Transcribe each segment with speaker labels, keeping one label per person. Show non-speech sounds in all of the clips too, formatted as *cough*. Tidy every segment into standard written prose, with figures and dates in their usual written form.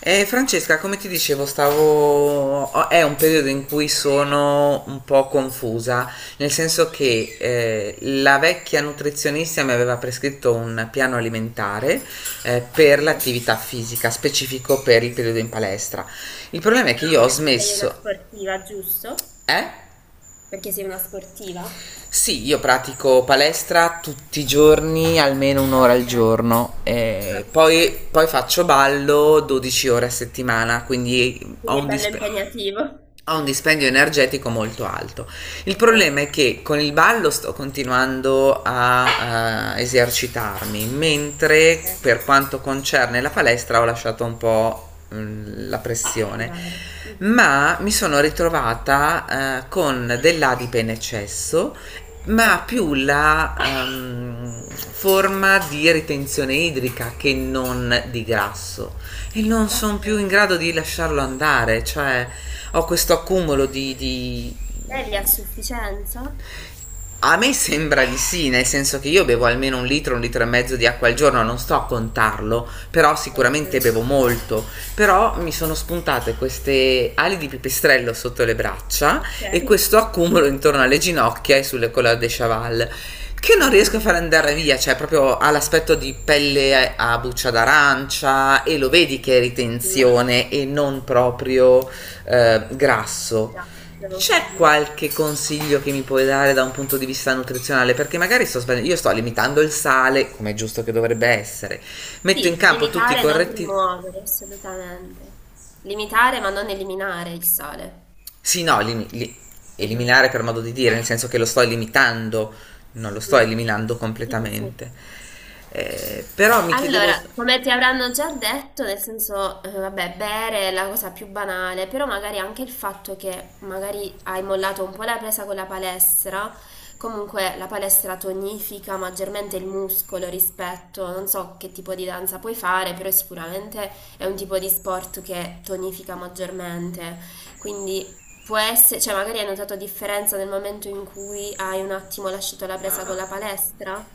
Speaker 1: Francesca, come ti dicevo, stavo... oh, è un periodo in cui sono un po' confusa, nel senso che la vecchia nutrizionista mi aveva prescritto un piano alimentare per
Speaker 2: Sì.
Speaker 1: l'attività fisica, specifico per il periodo in palestra. Il problema è che io
Speaker 2: Anche
Speaker 1: ho
Speaker 2: perché sei una
Speaker 1: smesso...
Speaker 2: sportiva, giusto?
Speaker 1: Eh?
Speaker 2: Perché sei una sportiva?
Speaker 1: Sì, io pratico palestra tutti i giorni, almeno un'ora al
Speaker 2: Ok.
Speaker 1: giorno,
Speaker 2: Ah, perfetto.
Speaker 1: poi faccio ballo 12 ore a settimana, quindi ho
Speaker 2: Quindi è
Speaker 1: un
Speaker 2: bello
Speaker 1: dispendio.
Speaker 2: impegnativo.
Speaker 1: Ha un dispendio energetico molto alto. Il problema è
Speaker 2: Mhm.
Speaker 1: che con il ballo sto continuando a esercitarmi, mentre
Speaker 2: Ok.
Speaker 1: per quanto concerne la palestra ho lasciato un po' la pressione,
Speaker 2: Andare. Mhm.
Speaker 1: ma mi sono ritrovata con dell'adipe in eccesso, ma
Speaker 2: Ok.
Speaker 1: più la forma di ritenzione idrica che non di grasso, e non
Speaker 2: Ok.
Speaker 1: sono più in grado di lasciarlo andare, cioè ho questo accumulo
Speaker 2: Bevi a sufficienza?
Speaker 1: A me sembra di sì, nel senso che io bevo almeno un litro e mezzo di acqua al giorno, non sto a contarlo, però sicuramente
Speaker 2: Ok.
Speaker 1: bevo molto. Però mi sono spuntate queste ali di pipistrello sotto le braccia
Speaker 2: Ok.
Speaker 1: e questo accumulo intorno alle ginocchia e sulle colonne de chaval. Che non riesco
Speaker 2: Mhm.
Speaker 1: a far andare via, cioè proprio ha l'aspetto di pelle a buccia d'arancia e lo vedi che è
Speaker 2: Mhm.
Speaker 1: ritenzione e non proprio grasso.
Speaker 2: Grazie.
Speaker 1: C'è
Speaker 2: Mhm.
Speaker 1: qualche consiglio che mi puoi dare da un punto di vista nutrizionale? Perché magari sto sbagliando, io sto limitando il sale, come è giusto che dovrebbe essere. Metto in
Speaker 2: Sì,
Speaker 1: campo tutti i
Speaker 2: limitare, non
Speaker 1: corretti...
Speaker 2: rimuovere, assolutamente. Limitare ma non eliminare il sale.
Speaker 1: Sì, no,
Speaker 2: Mhm.
Speaker 1: eliminare per modo di dire, nel senso che lo sto limitando, non lo sto
Speaker 2: Mh-mh.
Speaker 1: eliminando
Speaker 2: Sì, sì, sì.
Speaker 1: completamente. Però mi chiedevo...
Speaker 2: Allora, come ti avranno già detto, nel senso, vabbè, bere è la cosa più banale, però magari anche il fatto che magari hai mollato un po' la presa con la palestra, comunque la palestra tonifica maggiormente il muscolo rispetto, non so che tipo di danza puoi fare, però sicuramente è un tipo di sport che tonifica maggiormente. Quindi può essere, cioè magari hai notato differenza nel momento in cui hai un attimo lasciato la presa con la palestra?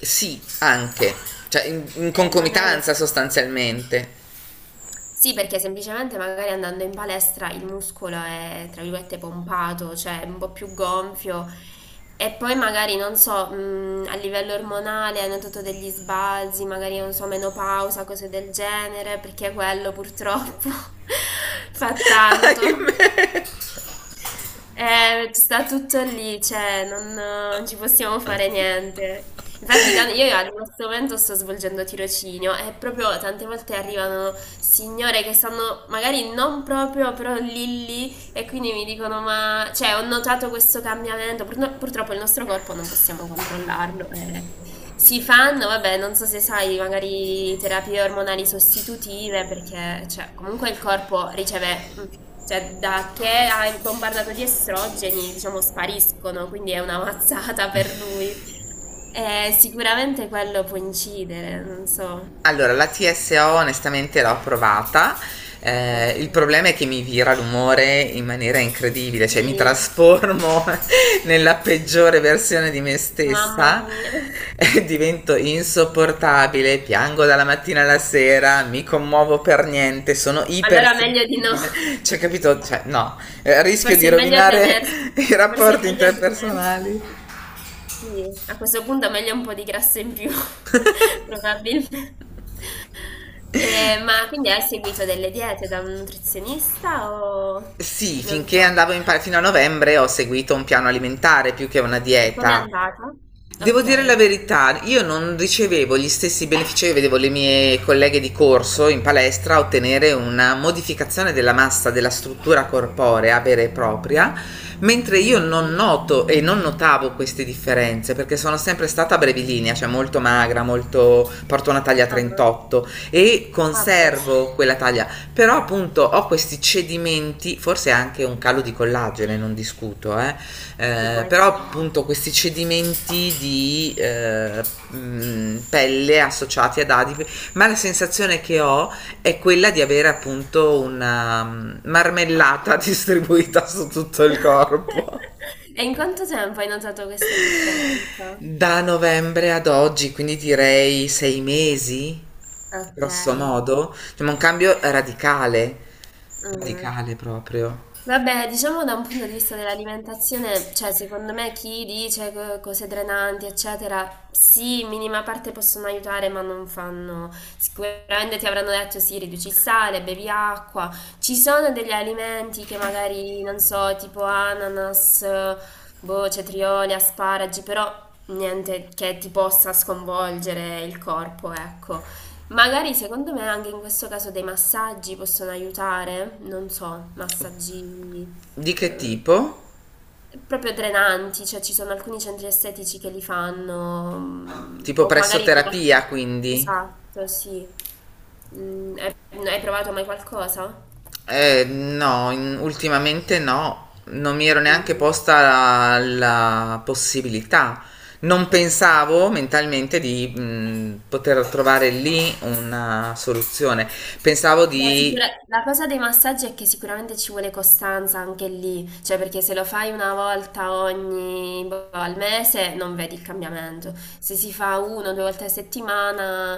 Speaker 1: Sì, anche. Cioè, in
Speaker 2: Eh, magari è-
Speaker 1: concomitanza sostanzialmente.
Speaker 2: Sì, perché semplicemente magari andando in palestra il muscolo è, tra virgolette, pompato, cioè è un po' più gonfio e poi magari, non so, a livello ormonale hanno notato degli sbalzi, magari, non so, menopausa, cose del genere, perché quello purtroppo *laughs* fa
Speaker 1: *laughs*
Speaker 2: tanto.
Speaker 1: Ahimè.
Speaker 2: Sta tutto lì, cioè non ci possiamo fare niente. Infatti, io al questo momento sto svolgendo tirocinio e proprio tante volte arrivano signore che stanno magari non proprio, però lì lì e quindi mi dicono, ma cioè, ho notato questo cambiamento. Purtroppo il nostro corpo non possiamo controllarlo. Si fanno, vabbè, non so se sai, magari terapie ormonali sostitutive, perché cioè, comunque il corpo riceve, cioè, da che è bombardato di estrogeni, diciamo, spariscono, quindi è una mazzata per lui. Sicuramente quello può incidere, non so.
Speaker 1: Allora, la TSO onestamente l'ho provata. Il
Speaker 2: Ecco.
Speaker 1: problema è che mi vira l'umore in maniera incredibile, cioè mi
Speaker 2: Sì,
Speaker 1: trasformo *laughs* nella peggiore versione di me
Speaker 2: mamma
Speaker 1: stessa,
Speaker 2: mia. *laughs*
Speaker 1: *laughs* divento insopportabile, piango dalla mattina alla sera, mi commuovo per niente, sono
Speaker 2: Allora meglio di no.
Speaker 1: ipersensibile, cioè capito? Cioè, no, eh, rischio di
Speaker 2: Forse è meglio
Speaker 1: rovinare *laughs*
Speaker 2: tenersi,
Speaker 1: i
Speaker 2: forse è
Speaker 1: rapporti
Speaker 2: meglio
Speaker 1: interpersonali.
Speaker 2: tenersi, sì, a questo punto è meglio un po' di grasso in più, *laughs* probabilmente. Ma quindi hai seguito delle diete da un nutrizionista o
Speaker 1: Sì,
Speaker 2: non
Speaker 1: finché
Speaker 2: so?
Speaker 1: andavo in pa- fino a novembre ho seguito un piano alimentare più che una
Speaker 2: E come è
Speaker 1: dieta.
Speaker 2: andata?
Speaker 1: Devo dire la
Speaker 2: Ok.
Speaker 1: verità, io non ricevevo gli stessi benefici che vedevo le mie colleghe di corso in palestra ottenere, una modificazione della massa della struttura corporea vera e propria, mentre io non
Speaker 2: Mhm.
Speaker 1: noto e non notavo queste differenze perché sono sempre stata brevilinea, cioè molto magra, molto, porto una taglia
Speaker 2: Ah,
Speaker 1: 38 e
Speaker 2: ah, posso.
Speaker 1: conservo quella taglia, però appunto ho questi cedimenti, forse anche un calo di collagene, non discuto,
Speaker 2: Sì, può
Speaker 1: però
Speaker 2: essere anche.
Speaker 1: appunto questi cedimenti di pelle associati ad adipi, ma la sensazione che ho è quella di avere appunto una marmellata *laughs* distribuita su tutto il
Speaker 2: *laughs*
Speaker 1: corpo.
Speaker 2: E in quanto tempo hai notato questa differenza?
Speaker 1: Da novembre ad oggi, quindi direi sei mesi,
Speaker 2: Ok.
Speaker 1: grosso modo. Cioè, ma un cambio radicale,
Speaker 2: Mm.
Speaker 1: radicale proprio.
Speaker 2: Vabbè, diciamo da un punto di vista dell'alimentazione, cioè secondo me chi dice cose drenanti, eccetera, sì, in minima parte possono aiutare, ma non fanno. Sicuramente ti avranno detto sì, riduci il sale, bevi acqua. Ci sono degli alimenti che magari, non so, tipo ananas, boh, cetrioli, asparagi, però niente che ti possa sconvolgere il corpo, ecco. Magari secondo me anche in questo caso dei massaggi possono aiutare, non so, massaggi
Speaker 1: Di che tipo?
Speaker 2: proprio drenanti, cioè ci sono alcuni centri estetici che li fanno,
Speaker 1: Tipo
Speaker 2: o
Speaker 1: presso
Speaker 2: magari con
Speaker 1: terapia,
Speaker 2: alcuni.
Speaker 1: quindi.
Speaker 2: Esatto, sì. Mm, hai, hai provato mai qualcosa?
Speaker 1: No, ultimamente no, non mi ero neanche
Speaker 2: Mhm.
Speaker 1: posta la possibilità. Non
Speaker 2: Ok.
Speaker 1: pensavo mentalmente di poter trovare lì una soluzione. Pensavo
Speaker 2: Beh,
Speaker 1: di...
Speaker 2: la cosa dei massaggi è che sicuramente ci vuole costanza anche lì, cioè perché se lo fai una volta ogni boh, al mese non vedi il cambiamento. Se si fa uno o due volte a settimana,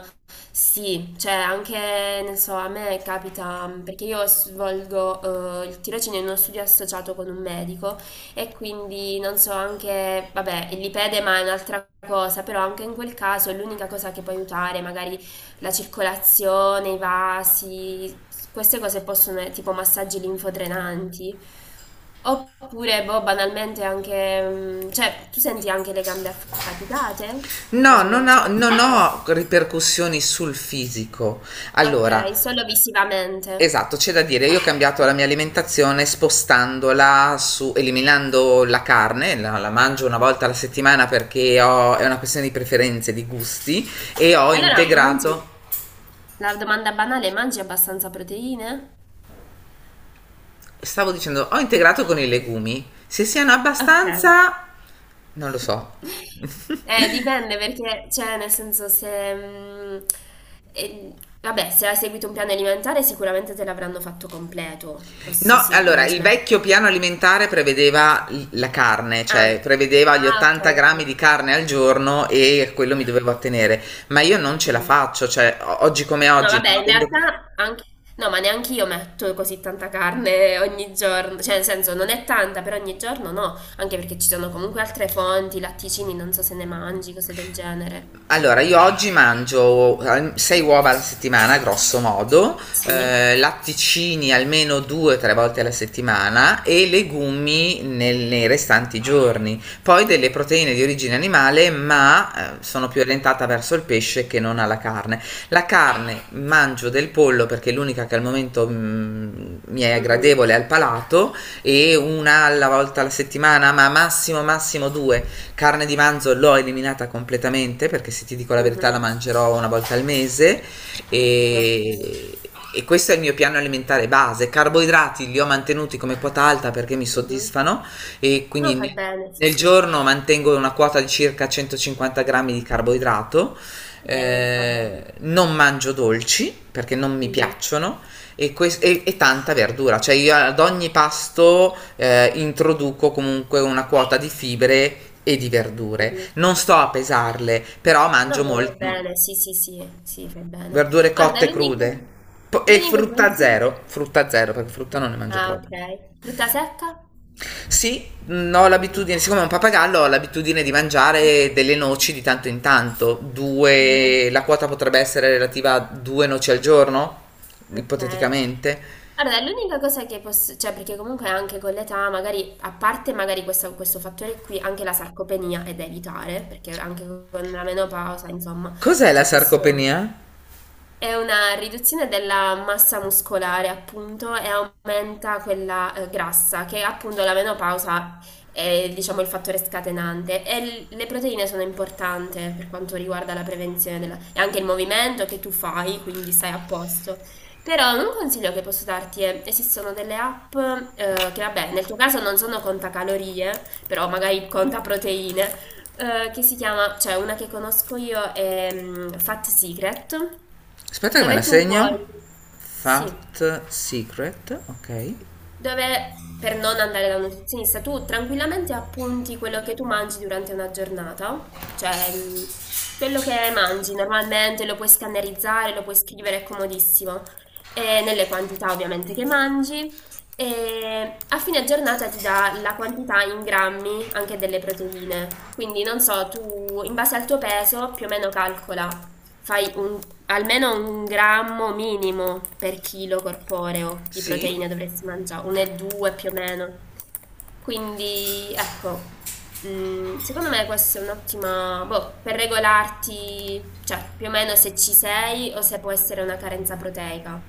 Speaker 2: sì, cioè anche, non so, a me capita, perché io svolgo il tirocinio in uno studio associato con un medico e quindi non so anche, vabbè, il lipedema è un'altra cosa, però anche in quel caso l'unica cosa che può aiutare magari la circolazione, i vasi, queste cose possono essere tipo massaggi linfodrenanti. Oppure, boh, banalmente anche, cioè, tu senti anche le gambe affaticate?
Speaker 1: No,
Speaker 2: Cose del genere.
Speaker 1: non ho ripercussioni sul fisico.
Speaker 2: Ah, ok,
Speaker 1: Allora,
Speaker 2: solo visivamente.
Speaker 1: esatto, c'è da dire, io ho cambiato la mia alimentazione spostandola su, eliminando la carne, la mangio una volta alla settimana perché è una questione di preferenze, di gusti, e ho
Speaker 2: Allora,
Speaker 1: integrato,
Speaker 2: mangi, la domanda banale, mangi abbastanza proteine?
Speaker 1: stavo dicendo, ho integrato con i legumi. Se siano
Speaker 2: Okay.
Speaker 1: abbastanza, non lo so.
Speaker 2: Dipende perché, cioè, nel senso, se... mm, e- vabbè, se hai seguito un piano alimentare sicuramente te l'avranno fatto completo, questo
Speaker 1: No,
Speaker 2: sì, non
Speaker 1: allora,
Speaker 2: ci
Speaker 1: il
Speaker 2: metto.
Speaker 1: vecchio piano alimentare prevedeva la carne,
Speaker 2: Ah,
Speaker 1: cioè prevedeva gli
Speaker 2: ah, ok.
Speaker 1: 80 grammi
Speaker 2: Ok.
Speaker 1: di carne al giorno e a quello mi dovevo attenere, ma io non ce la
Speaker 2: Mhm.
Speaker 1: faccio, cioè oggi come
Speaker 2: No,
Speaker 1: oggi, non
Speaker 2: vabbè, in
Speaker 1: avendo... più.
Speaker 2: realtà anche. No, ma neanche io metto così tanta carne ogni giorno, cioè nel senso non è tanta, però ogni giorno no, anche perché ci sono comunque altre fonti, latticini, non so se ne mangi, cose del genere.
Speaker 1: Allora, io oggi mangio 6 uova alla settimana, grosso modo,
Speaker 2: Sì.
Speaker 1: latticini almeno 2-3 volte alla settimana e legumi nei restanti giorni. Poi delle proteine di origine animale, ma sono più orientata verso il pesce che non alla carne. La carne mangio del pollo perché è l'unica che al momento mi è
Speaker 2: Mhm.
Speaker 1: gradevole al palato, e una alla volta alla settimana, ma massimo massimo due. Carne di manzo l'ho eliminata completamente perché, se ti dico la verità,
Speaker 2: Mh-mh.
Speaker 1: la mangerò una volta al mese,
Speaker 2: Okay.
Speaker 1: e, e questo è il mio piano alimentare base. Carboidrati li ho mantenuti come quota alta perché mi
Speaker 2: Mh-mh.
Speaker 1: soddisfano, e
Speaker 2: No,
Speaker 1: quindi
Speaker 2: fa bene, sì,
Speaker 1: nel
Speaker 2: sì.
Speaker 1: giorno mantengo una quota di circa 150 grammi di carboidrato.
Speaker 2: Va bene, va bene.
Speaker 1: Non mangio dolci perché non mi
Speaker 2: Mh-mh,
Speaker 1: piacciono e, e tanta verdura, cioè io ad ogni pasto introduco comunque una quota di fibre e di verdure.
Speaker 2: mh-mh.
Speaker 1: Non sto a pesarle, però
Speaker 2: No,
Speaker 1: mangio
Speaker 2: no, va
Speaker 1: molte
Speaker 2: bene, sì, sì, sì, sì, fai bene.
Speaker 1: verdure
Speaker 2: Guarda,
Speaker 1: cotte,
Speaker 2: l'unico
Speaker 1: crude. E
Speaker 2: l'unico consiglio.
Speaker 1: frutta zero perché frutta non ne mangio
Speaker 2: Ah,
Speaker 1: proprio.
Speaker 2: okay. Frutta secca?
Speaker 1: Sì, ho
Speaker 2: Mh-mh.
Speaker 1: l'abitudine, siccome è un papagallo, ho l'abitudine di mangiare delle noci di tanto in tanto.
Speaker 2: Mh-mh.
Speaker 1: Due, la quota potrebbe essere relativa a due noci al giorno,
Speaker 2: Okay.
Speaker 1: ipoteticamente.
Speaker 2: Allora, l'unica cosa che posso cioè perché comunque anche con l'età magari a parte magari questo fattore qui, anche la sarcopenia è da evitare, perché anche con la menopausa, insomma,
Speaker 1: Cos'è la
Speaker 2: c'è questo.
Speaker 1: sarcopenia?
Speaker 2: È una riduzione della massa muscolare, appunto, e aumenta quella grassa, che appunto la menopausa è, diciamo, il fattore scatenante. E le proteine sono importanti per quanto riguarda la prevenzione e anche il movimento che tu fai, quindi stai a posto. Però un consiglio che posso darti è, esistono delle app, che vabbè, nel tuo caso non sono contacalorie, però magari conta proteine, che si chiama, cioè una che conosco io è Fat Secret,
Speaker 1: Aspetta che me
Speaker 2: dove
Speaker 1: la
Speaker 2: tu puoi.
Speaker 1: segno.
Speaker 2: Sì,
Speaker 1: Fat Secret, ok.
Speaker 2: dove per non andare da un nutrizionista tu tranquillamente appunti quello che tu mangi durante una giornata, cioè quello che mangi normalmente lo puoi scannerizzare, lo puoi scrivere, è comodissimo, e nelle quantità ovviamente che mangi. E a fine giornata ti dà la quantità in grammi anche delle proteine, quindi non so, tu in base al tuo peso più o meno calcola, fai un almeno un grammo minimo per chilo corporeo di
Speaker 1: Sì,
Speaker 2: proteine dovresti mangiare, 1,2 più o meno. Quindi, ecco, secondo me questa è un'ottima, boh, per regolarti, cioè più o meno se ci sei o se può essere una carenza proteica.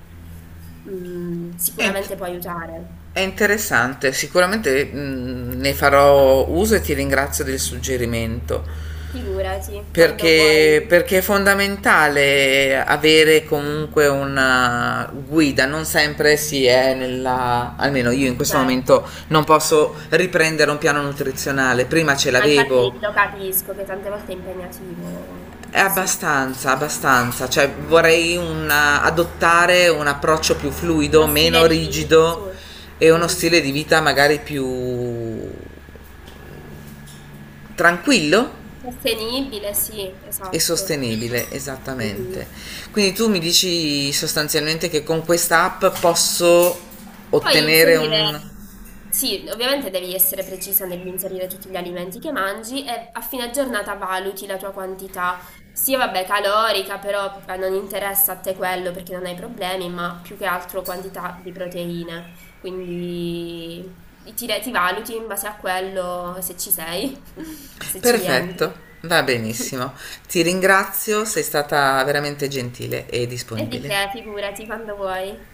Speaker 2: Mm,
Speaker 1: è, int-
Speaker 2: sicuramente può aiutare.
Speaker 1: è interessante. Sicuramente ne farò uso e ti ringrazio del suggerimento.
Speaker 2: Figurati, quando vuoi,
Speaker 1: Perché, perché è fondamentale avere comunque una guida, non sempre si è nella, almeno io in questo momento
Speaker 2: certo.
Speaker 1: non posso riprendere un piano nutrizionale, prima ce
Speaker 2: Ma
Speaker 1: l'avevo.
Speaker 2: infatti lo capisco che tante volte è impegnativo, sì.
Speaker 1: Abbastanza, abbastanza, cioè vorrei adottare un approccio più
Speaker 2: Uno
Speaker 1: fluido,
Speaker 2: stile
Speaker 1: meno
Speaker 2: di vita, sì.
Speaker 1: rigido e uno
Speaker 2: Mhm.
Speaker 1: stile di vita magari più tranquillo
Speaker 2: Sostenibile, sì,
Speaker 1: e
Speaker 2: esatto.
Speaker 1: sostenibile,
Speaker 2: Mhm.
Speaker 1: esattamente. Quindi tu mi dici sostanzialmente che con questa app posso
Speaker 2: Poi
Speaker 1: ottenere
Speaker 2: inserire,
Speaker 1: un...
Speaker 2: sì, ovviamente devi essere precisa nell'inserire tutti gli alimenti che mangi e a fine giornata valuti la tua quantità, sia vabbè calorica, però non interessa a te quello perché non hai problemi, ma più che altro quantità di proteine. Quindi ti valuti in base a quello se ci sei, *laughs* se ci rientri.
Speaker 1: Perfetto, va benissimo. Ti ringrazio, sei stata veramente gentile e
Speaker 2: E di che,
Speaker 1: disponibile.
Speaker 2: figurati, quando vuoi.